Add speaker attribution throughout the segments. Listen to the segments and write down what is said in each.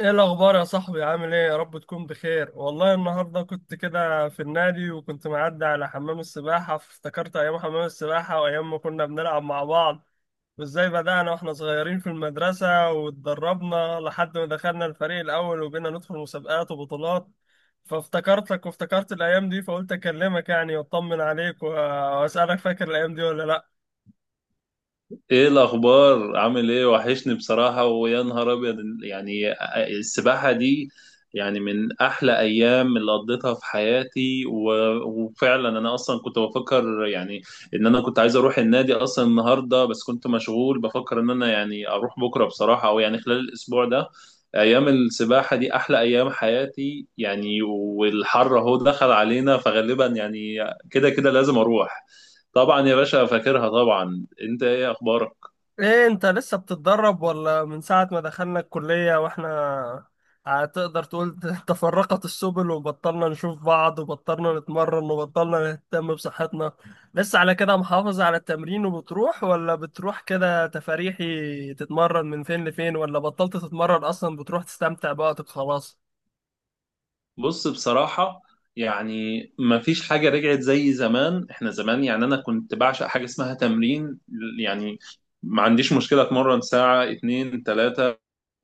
Speaker 1: ايه الاخبار يا صاحبي؟ عامل ايه؟ يا رب تكون بخير. والله النهارده كنت كده في النادي وكنت معدي على حمام السباحه، فافتكرت ايام حمام السباحه وايام ما كنا بنلعب مع بعض، وازاي بدأنا واحنا صغيرين في المدرسه واتدربنا لحد ما دخلنا الفريق الاول وبقينا ندخل مسابقات وبطولات. فافتكرتك وافتكرت الايام دي، فقلت اكلمك يعني واطمن عليك واسالك: فاكر الايام دي ولا لا؟
Speaker 2: ايه الاخبار؟ عامل ايه؟ وحشني بصراحه، ويا نهار ابيض. يعني السباحه دي يعني من احلى ايام اللي قضيتها في حياتي وفعلا. انا اصلا كنت بفكر يعني ان انا كنت عايز اروح النادي اصلا النهارده، بس كنت مشغول، بفكر ان انا يعني اروح بكره بصراحه، او يعني خلال الاسبوع ده. ايام السباحه دي احلى ايام حياتي يعني، والحر اهو دخل علينا، فغالبا يعني كده كده لازم اروح. طبعا يا باشا، فاكرها طبعا. انت ايه اخبارك؟
Speaker 1: ايه، انت لسه بتتدرب ولا من ساعة ما دخلنا الكلية واحنا، هتقدر تقول تفرقت السبل وبطلنا نشوف بعض وبطلنا نتمرن وبطلنا نهتم بصحتنا؟ لسه على كده محافظ على التمرين وبتروح، ولا بتروح كده تفاريحي تتمرن من فين لفين، ولا بطلت تتمرن اصلا بتروح تستمتع بوقتك خلاص؟
Speaker 2: بص بصراحة، يعني مفيش حاجة رجعت زي زمان. احنا زمان يعني انا كنت بعشق حاجة اسمها تمرين. يعني ما عنديش مشكلة اتمرن ساعة، اتنين، تلاتة،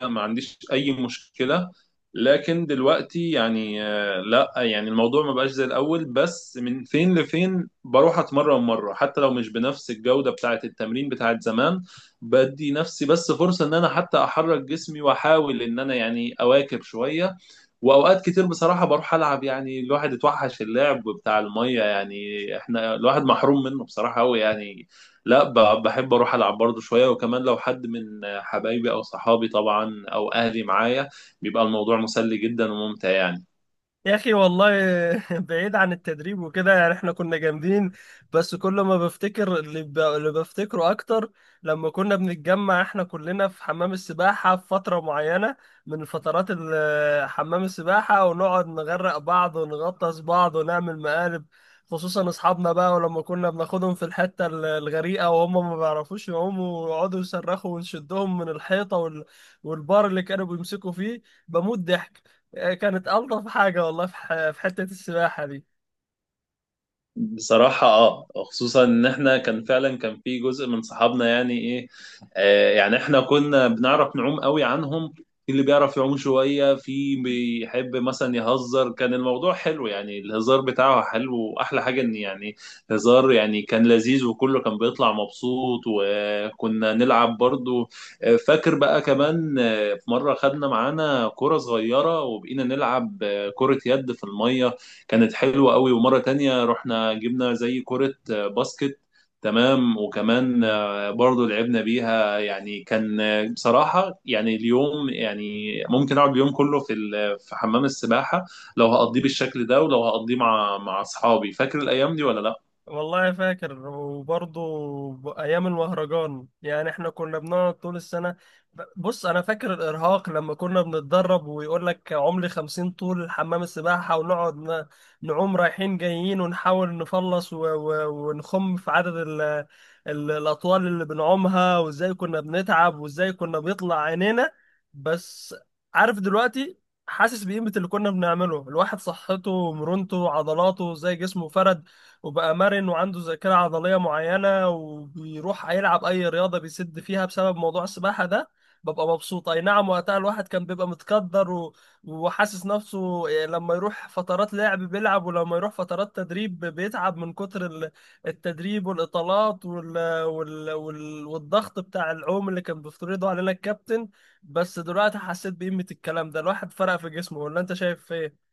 Speaker 2: ما عنديش اي مشكلة. لكن دلوقتي يعني لا، يعني الموضوع ما بقاش زي الاول، بس من فين لفين بروح اتمرن مرة حتى لو مش بنفس الجودة بتاعة التمرين بتاعة زمان. بدي نفسي بس فرصة ان انا حتى احرك جسمي واحاول ان انا يعني اواكب شوية. واوقات كتير بصراحه بروح العب، يعني الواحد اتوحش اللعب بتاع الميه يعني، احنا الواحد محروم منه بصراحه قوي يعني. لا، بحب اروح العب برضه شويه، وكمان لو حد من حبايبي او صحابي طبعا او اهلي معايا بيبقى الموضوع مسلي جدا وممتع يعني.
Speaker 1: يا اخي والله بعيد عن التدريب وكده، يعني احنا كنا جامدين. بس كل ما بفتكر اللي بفتكره اكتر، لما كنا بنتجمع احنا كلنا في حمام السباحة في فترة معينة من فترات حمام السباحة، ونقعد نغرق بعض ونغطس بعض ونعمل مقالب، خصوصا اصحابنا بقى. ولما كنا بناخدهم في الحتة الغريقة وهم ما بيعرفوش يعوموا، ويقعدوا يصرخوا ونشدهم من الحيطة والبار اللي كانوا بيمسكوا فيه، بموت ضحك. كانت ألطف حاجة والله، في في حتة السباحة دي.
Speaker 2: بصراحة اه، خصوصا ان احنا كان فعلا كان في جزء من صحابنا يعني ايه، يعني احنا كنا بنعرف نعوم قوي عنهم. في اللي بيعرف يعوم شوية، في بيحب مثلا يهزر. كان الموضوع حلو يعني، الهزار بتاعه حلو، واحلى حاجة ان يعني هزار يعني كان لذيذ، وكله كان بيطلع مبسوط، وكنا نلعب برضو. فاكر بقى كمان، في مرة خدنا معانا كرة صغيرة وبقينا نلعب كرة يد في المية. كانت حلوة قوي. ومرة تانية رحنا جبنا زي كرة باسكت، تمام، وكمان برضو لعبنا بيها. يعني كان بصراحة يعني اليوم، يعني ممكن أقعد اليوم كله في في حمام السباحة لو هقضيه بالشكل ده، ولو هقضيه مع أصحابي. فاكر الأيام دي ولا لأ؟
Speaker 1: والله فاكر، وبرضه ايام المهرجان، يعني احنا كنا بنقعد طول السنه. بص، انا فاكر الارهاق لما كنا بنتدرب ويقول لك: عملي 50 طول حمام السباحه، ونقعد نعوم رايحين جايين ونحاول نخلص ونخم في عدد ال الاطوال اللي بنعومها، وازاي كنا بنتعب وازاي كنا بيطلع عينينا. بس عارف دلوقتي؟ حاسس بقيمة اللي كنا بنعمله. الواحد صحته ومرونته وعضلاته زي جسمه فرد، وبقى مرن وعنده ذاكرة عضلية معينة، وبيروح يلعب أي رياضة بيسد فيها بسبب موضوع السباحة ده، ببقى مبسوط. أي نعم وقتها الواحد كان بيبقى متقدر وحاسس نفسه، لما يروح فترات لعب بيلعب، ولما يروح فترات تدريب بيتعب من كتر التدريب والإطالات والضغط بتاع العوم اللي كان بيفترضه علينا الكابتن. بس دلوقتي حسيت بقيمة الكلام ده، الواحد فرق في جسمه، ولا أنت شايف إيه؟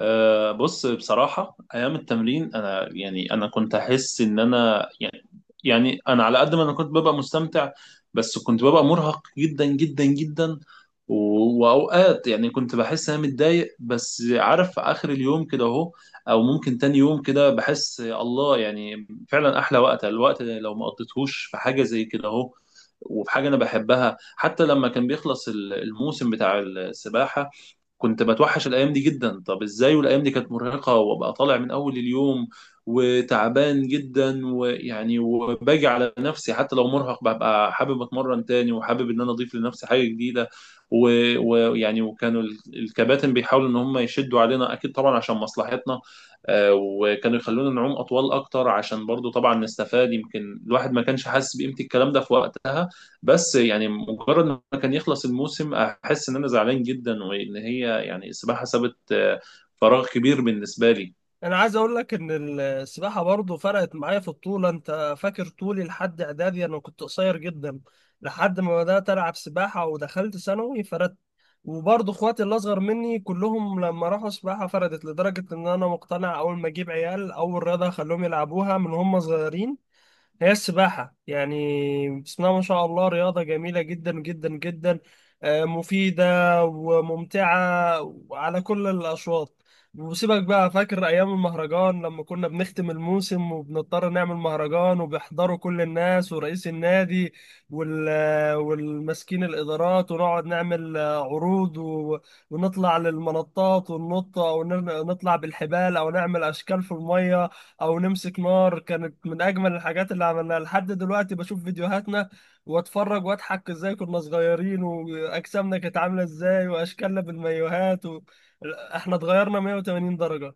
Speaker 2: أه، بص بصراحة، أيام التمرين أنا، يعني أنا كنت أحس إن أنا يعني أنا على قد ما أنا كنت ببقى مستمتع بس كنت ببقى مرهق جدا جدا جدا. وأوقات يعني كنت بحس إن أنا متضايق، بس عارف آخر اليوم كده أهو، أو ممكن تاني يوم كده بحس الله، يعني فعلا أحلى وقت الوقت اللي لو ما قضيتهوش في حاجة زي كده أهو. وفي حاجة أنا بحبها، حتى لما كان بيخلص الموسم بتاع السباحة كنت بتوحش الايام دي جدا. طب ازاي، والايام دي كانت مرهقه وابقى طالع من اول اليوم وتعبان جدا، ويعني وباجي على نفسي حتى لو مرهق ببقى حابب اتمرن تاني، وحابب ان انا اضيف لنفسي حاجه جديده. ويعني وكانوا الكباتن بيحاولوا ان هم يشدوا علينا اكيد طبعا عشان مصلحتنا. وكانوا يخلونا نعوم اطول اكتر عشان برضو طبعا نستفاد، يمكن الواحد ما كانش حاسس بقيمه الكلام ده في وقتها. بس يعني مجرد ما كان يخلص الموسم احس ان انا زعلان جدا، وان هي يعني السباحه سابت فراغ كبير بالنسبه لي.
Speaker 1: انا عايز اقول لك ان السباحه برضو فرقت معايا في الطول. انت فاكر طولي لحد اعدادي؟ انا كنت قصير جدا لحد ما بدات العب سباحه، ودخلت ثانوي فردت. وبرضو اخواتي اللي اصغر مني كلهم لما راحوا سباحه فردت، لدرجه ان انا مقتنع اول ما اجيب عيال اول رياضه هخليهم يلعبوها من هم صغيرين هي السباحة. يعني بسم الله ما شاء الله، رياضة جميلة جدا جدا جدا، مفيدة وممتعة وعلى كل الأشواط. وسيبك بقى، فاكر أيام المهرجان لما كنا بنختم الموسم وبنضطر نعمل مهرجان، وبيحضروا كل الناس ورئيس النادي وال والمسكين الإدارات، ونقعد نعمل عروض ونطلع للمنطات وننط، أو نطلع بالحبال، أو نعمل أشكال في المية، او نمسك نار؟ كانت من اجمل الحاجات اللي عملناها. لحد دلوقتي بشوف فيديوهاتنا واتفرج واضحك ازاي كنا صغيرين، واجسامنا كانت عامله ازاي، واشكالنا بالمايوهات احنا اتغيرنا 180 درجه.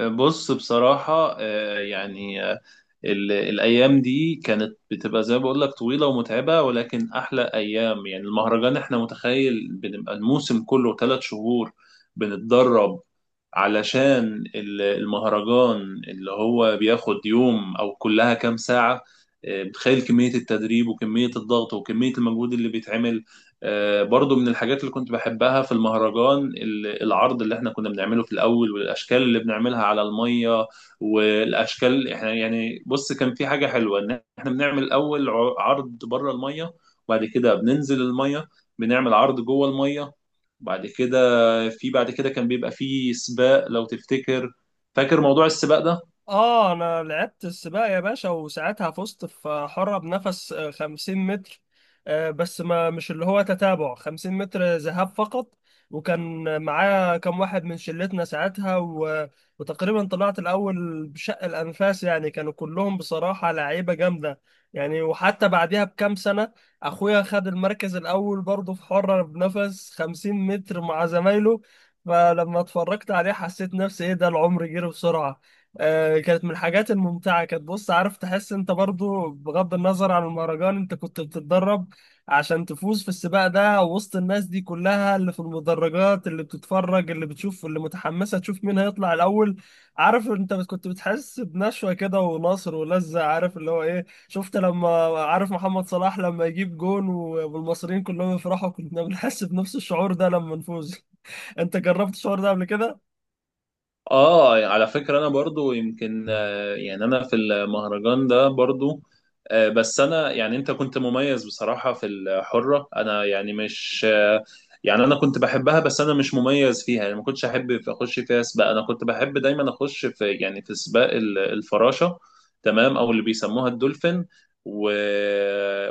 Speaker 2: بص بصراحة، يعني الأيام دي كانت بتبقى زي ما بقول لك طويلة ومتعبة، ولكن أحلى أيام. يعني المهرجان، إحنا متخيل بنبقى الموسم كله ثلاث شهور بنتدرب علشان المهرجان، اللي هو بياخد يوم أو كلها كام ساعة. بتخيل كمية التدريب وكمية الضغط وكمية المجهود اللي بيتعمل. برضو من الحاجات اللي كنت بحبها في المهرجان العرض اللي احنا كنا بنعمله في الأول، والأشكال اللي بنعملها على المية. والأشكال، احنا يعني بص كان في حاجة حلوة إن احنا بنعمل الأول عرض بره المية، وبعد كده بننزل المية بنعمل عرض جوه المية. بعد كده، كان بيبقى في سباق لو تفتكر. فاكر موضوع السباق ده؟
Speaker 1: اه، انا لعبت السباق يا باشا، وساعتها فزت في حرة بنفس 50 متر. بس ما مش اللي هو تتابع، 50 متر ذهاب فقط. وكان معايا كم واحد من شلتنا ساعتها، وتقريبا طلعت الاول بشق الانفاس، يعني كانوا كلهم بصراحة لعيبة جامدة. يعني وحتى بعدها بكام سنة اخويا خد المركز الاول برضه في حرة بنفس 50 متر مع زمايله، فلما اتفرجت عليه حسيت نفسي: ايه ده العمر جري بسرعة! كانت من الحاجات الممتعة. كانت بص، عارف تحس انت برضو، بغض النظر عن المهرجان، انت كنت بتتدرب عشان تفوز في السباق ده وسط الناس دي كلها اللي في المدرجات، اللي بتتفرج، اللي بتشوف، اللي متحمسة تشوف مين هيطلع الأول. عارف انت كنت بتحس بنشوة كده ونصر ولذة، عارف اللي هو ايه؟ شفت لما، عارف محمد صلاح لما يجيب جون والمصريين كلهم يفرحوا؟ كنا بنحس بنفس الشعور ده لما نفوز. انت جربت الشعور ده قبل كده؟
Speaker 2: اه، يعني على فكرة انا برضو يمكن، يعني انا في المهرجان ده برضو. بس انا يعني انت كنت مميز بصراحة في الحرة، انا يعني مش يعني انا كنت بحبها بس انا مش مميز فيها يعني. ما كنتش احب اخش فيها سباق، انا كنت بحب دايما اخش في، يعني في سباق الفراشة، تمام، او اللي بيسموها الدولفين. و...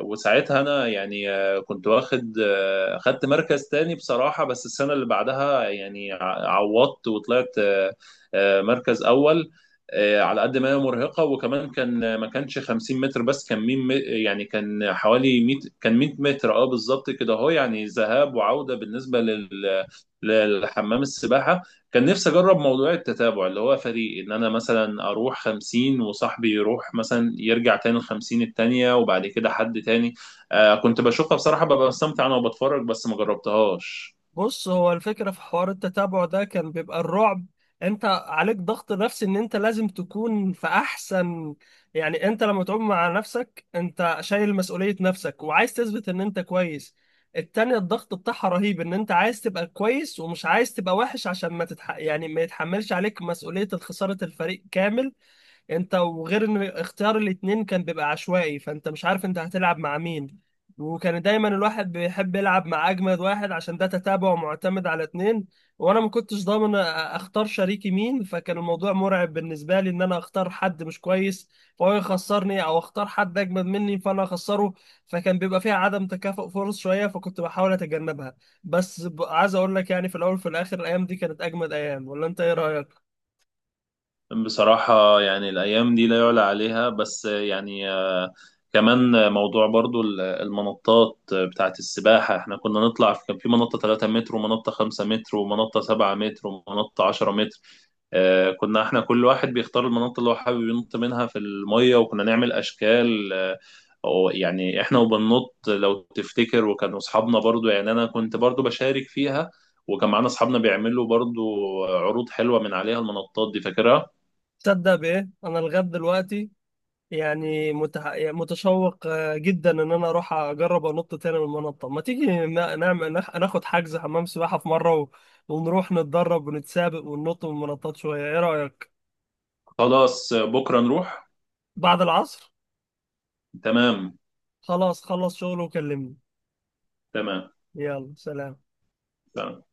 Speaker 2: وساعتها انا يعني آه، كنت واخد آه، خدت مركز تاني بصراحة. بس السنة اللي بعدها يعني عوضت وطلعت مركز اول. على قد ما هي مرهقه، وكمان كان ما كانش 50 متر، بس كان 100، يعني كان حوالي 100، كان 100 متر اه بالظبط كده اهو، يعني ذهاب وعوده بالنسبه للحمام السباحه. كان نفسي اجرب موضوع التتابع اللي هو فريق، ان انا مثلا اروح 50 وصاحبي يروح مثلا يرجع تاني ال 50 التانيه وبعد كده حد تاني. كنت بشوفها بصراحه ببقى مستمتع انا وبتفرج، بس ما جربتهاش.
Speaker 1: بص، هو الفكرة في حوار التتابع ده كان بيبقى الرعب، انت عليك ضغط نفسي ان انت لازم تكون في احسن. يعني انت لما تعوم مع نفسك، انت شايل مسؤولية نفسك وعايز تثبت ان انت كويس. التانية الضغط بتاعها رهيب، ان انت عايز تبقى كويس ومش عايز تبقى وحش عشان ما يعني ما يتحملش عليك مسؤولية خسارة الفريق كامل. انت وغير ان اختيار الاتنين كان بيبقى عشوائي، فانت مش عارف انت هتلعب مع مين، وكان دايما الواحد بيحب يلعب مع اجمد واحد عشان ده تتابع ومعتمد على اتنين. وانا ما كنتش ضامن اختار شريكي مين، فكان الموضوع مرعب بالنسبه لي ان انا اختار حد مش كويس فهو يخسرني، او اختار حد اجمد مني فانا اخسره. فكان بيبقى فيها عدم تكافؤ فرص شويه، فكنت بحاول اتجنبها. بس عايز اقول لك، يعني في الاول وفي الاخر الايام دي كانت اجمد ايام، ولا انت ايه رايك؟
Speaker 2: بصراحة يعني الأيام دي لا يعلى عليها. بس يعني، كمان موضوع برضو المنطات بتاعت السباحة، احنا كنا نطلع كان في منطة 3 متر ومنطة 5 متر ومنطة 7 متر ومنطة 10 متر. كنا احنا كل واحد بيختار المنطقة اللي هو حابب ينط منها في المية، وكنا نعمل أشكال، أو يعني احنا وبننط لو تفتكر. وكانوا أصحابنا برضو، يعني أنا كنت برضو بشارك فيها، وكان معانا أصحابنا بيعملوا برضو عروض حلوة من عليها المنطات دي فاكرها؟
Speaker 1: تصدق بايه؟ انا لغايه دلوقتي يعني يعني متشوق جدا ان انا اروح اجرب انط تاني من المنطقه. ما تيجي نعمل ناخد حجز حمام سباحه في مره، ونروح نتدرب ونتسابق وننط من المنطات شويه؟ ايه رايك؟
Speaker 2: خلاص بكرة نروح.
Speaker 1: بعد العصر.
Speaker 2: تمام.
Speaker 1: خلاص، خلص شغل وكلمني.
Speaker 2: تمام.
Speaker 1: يلا، سلام.
Speaker 2: تمام.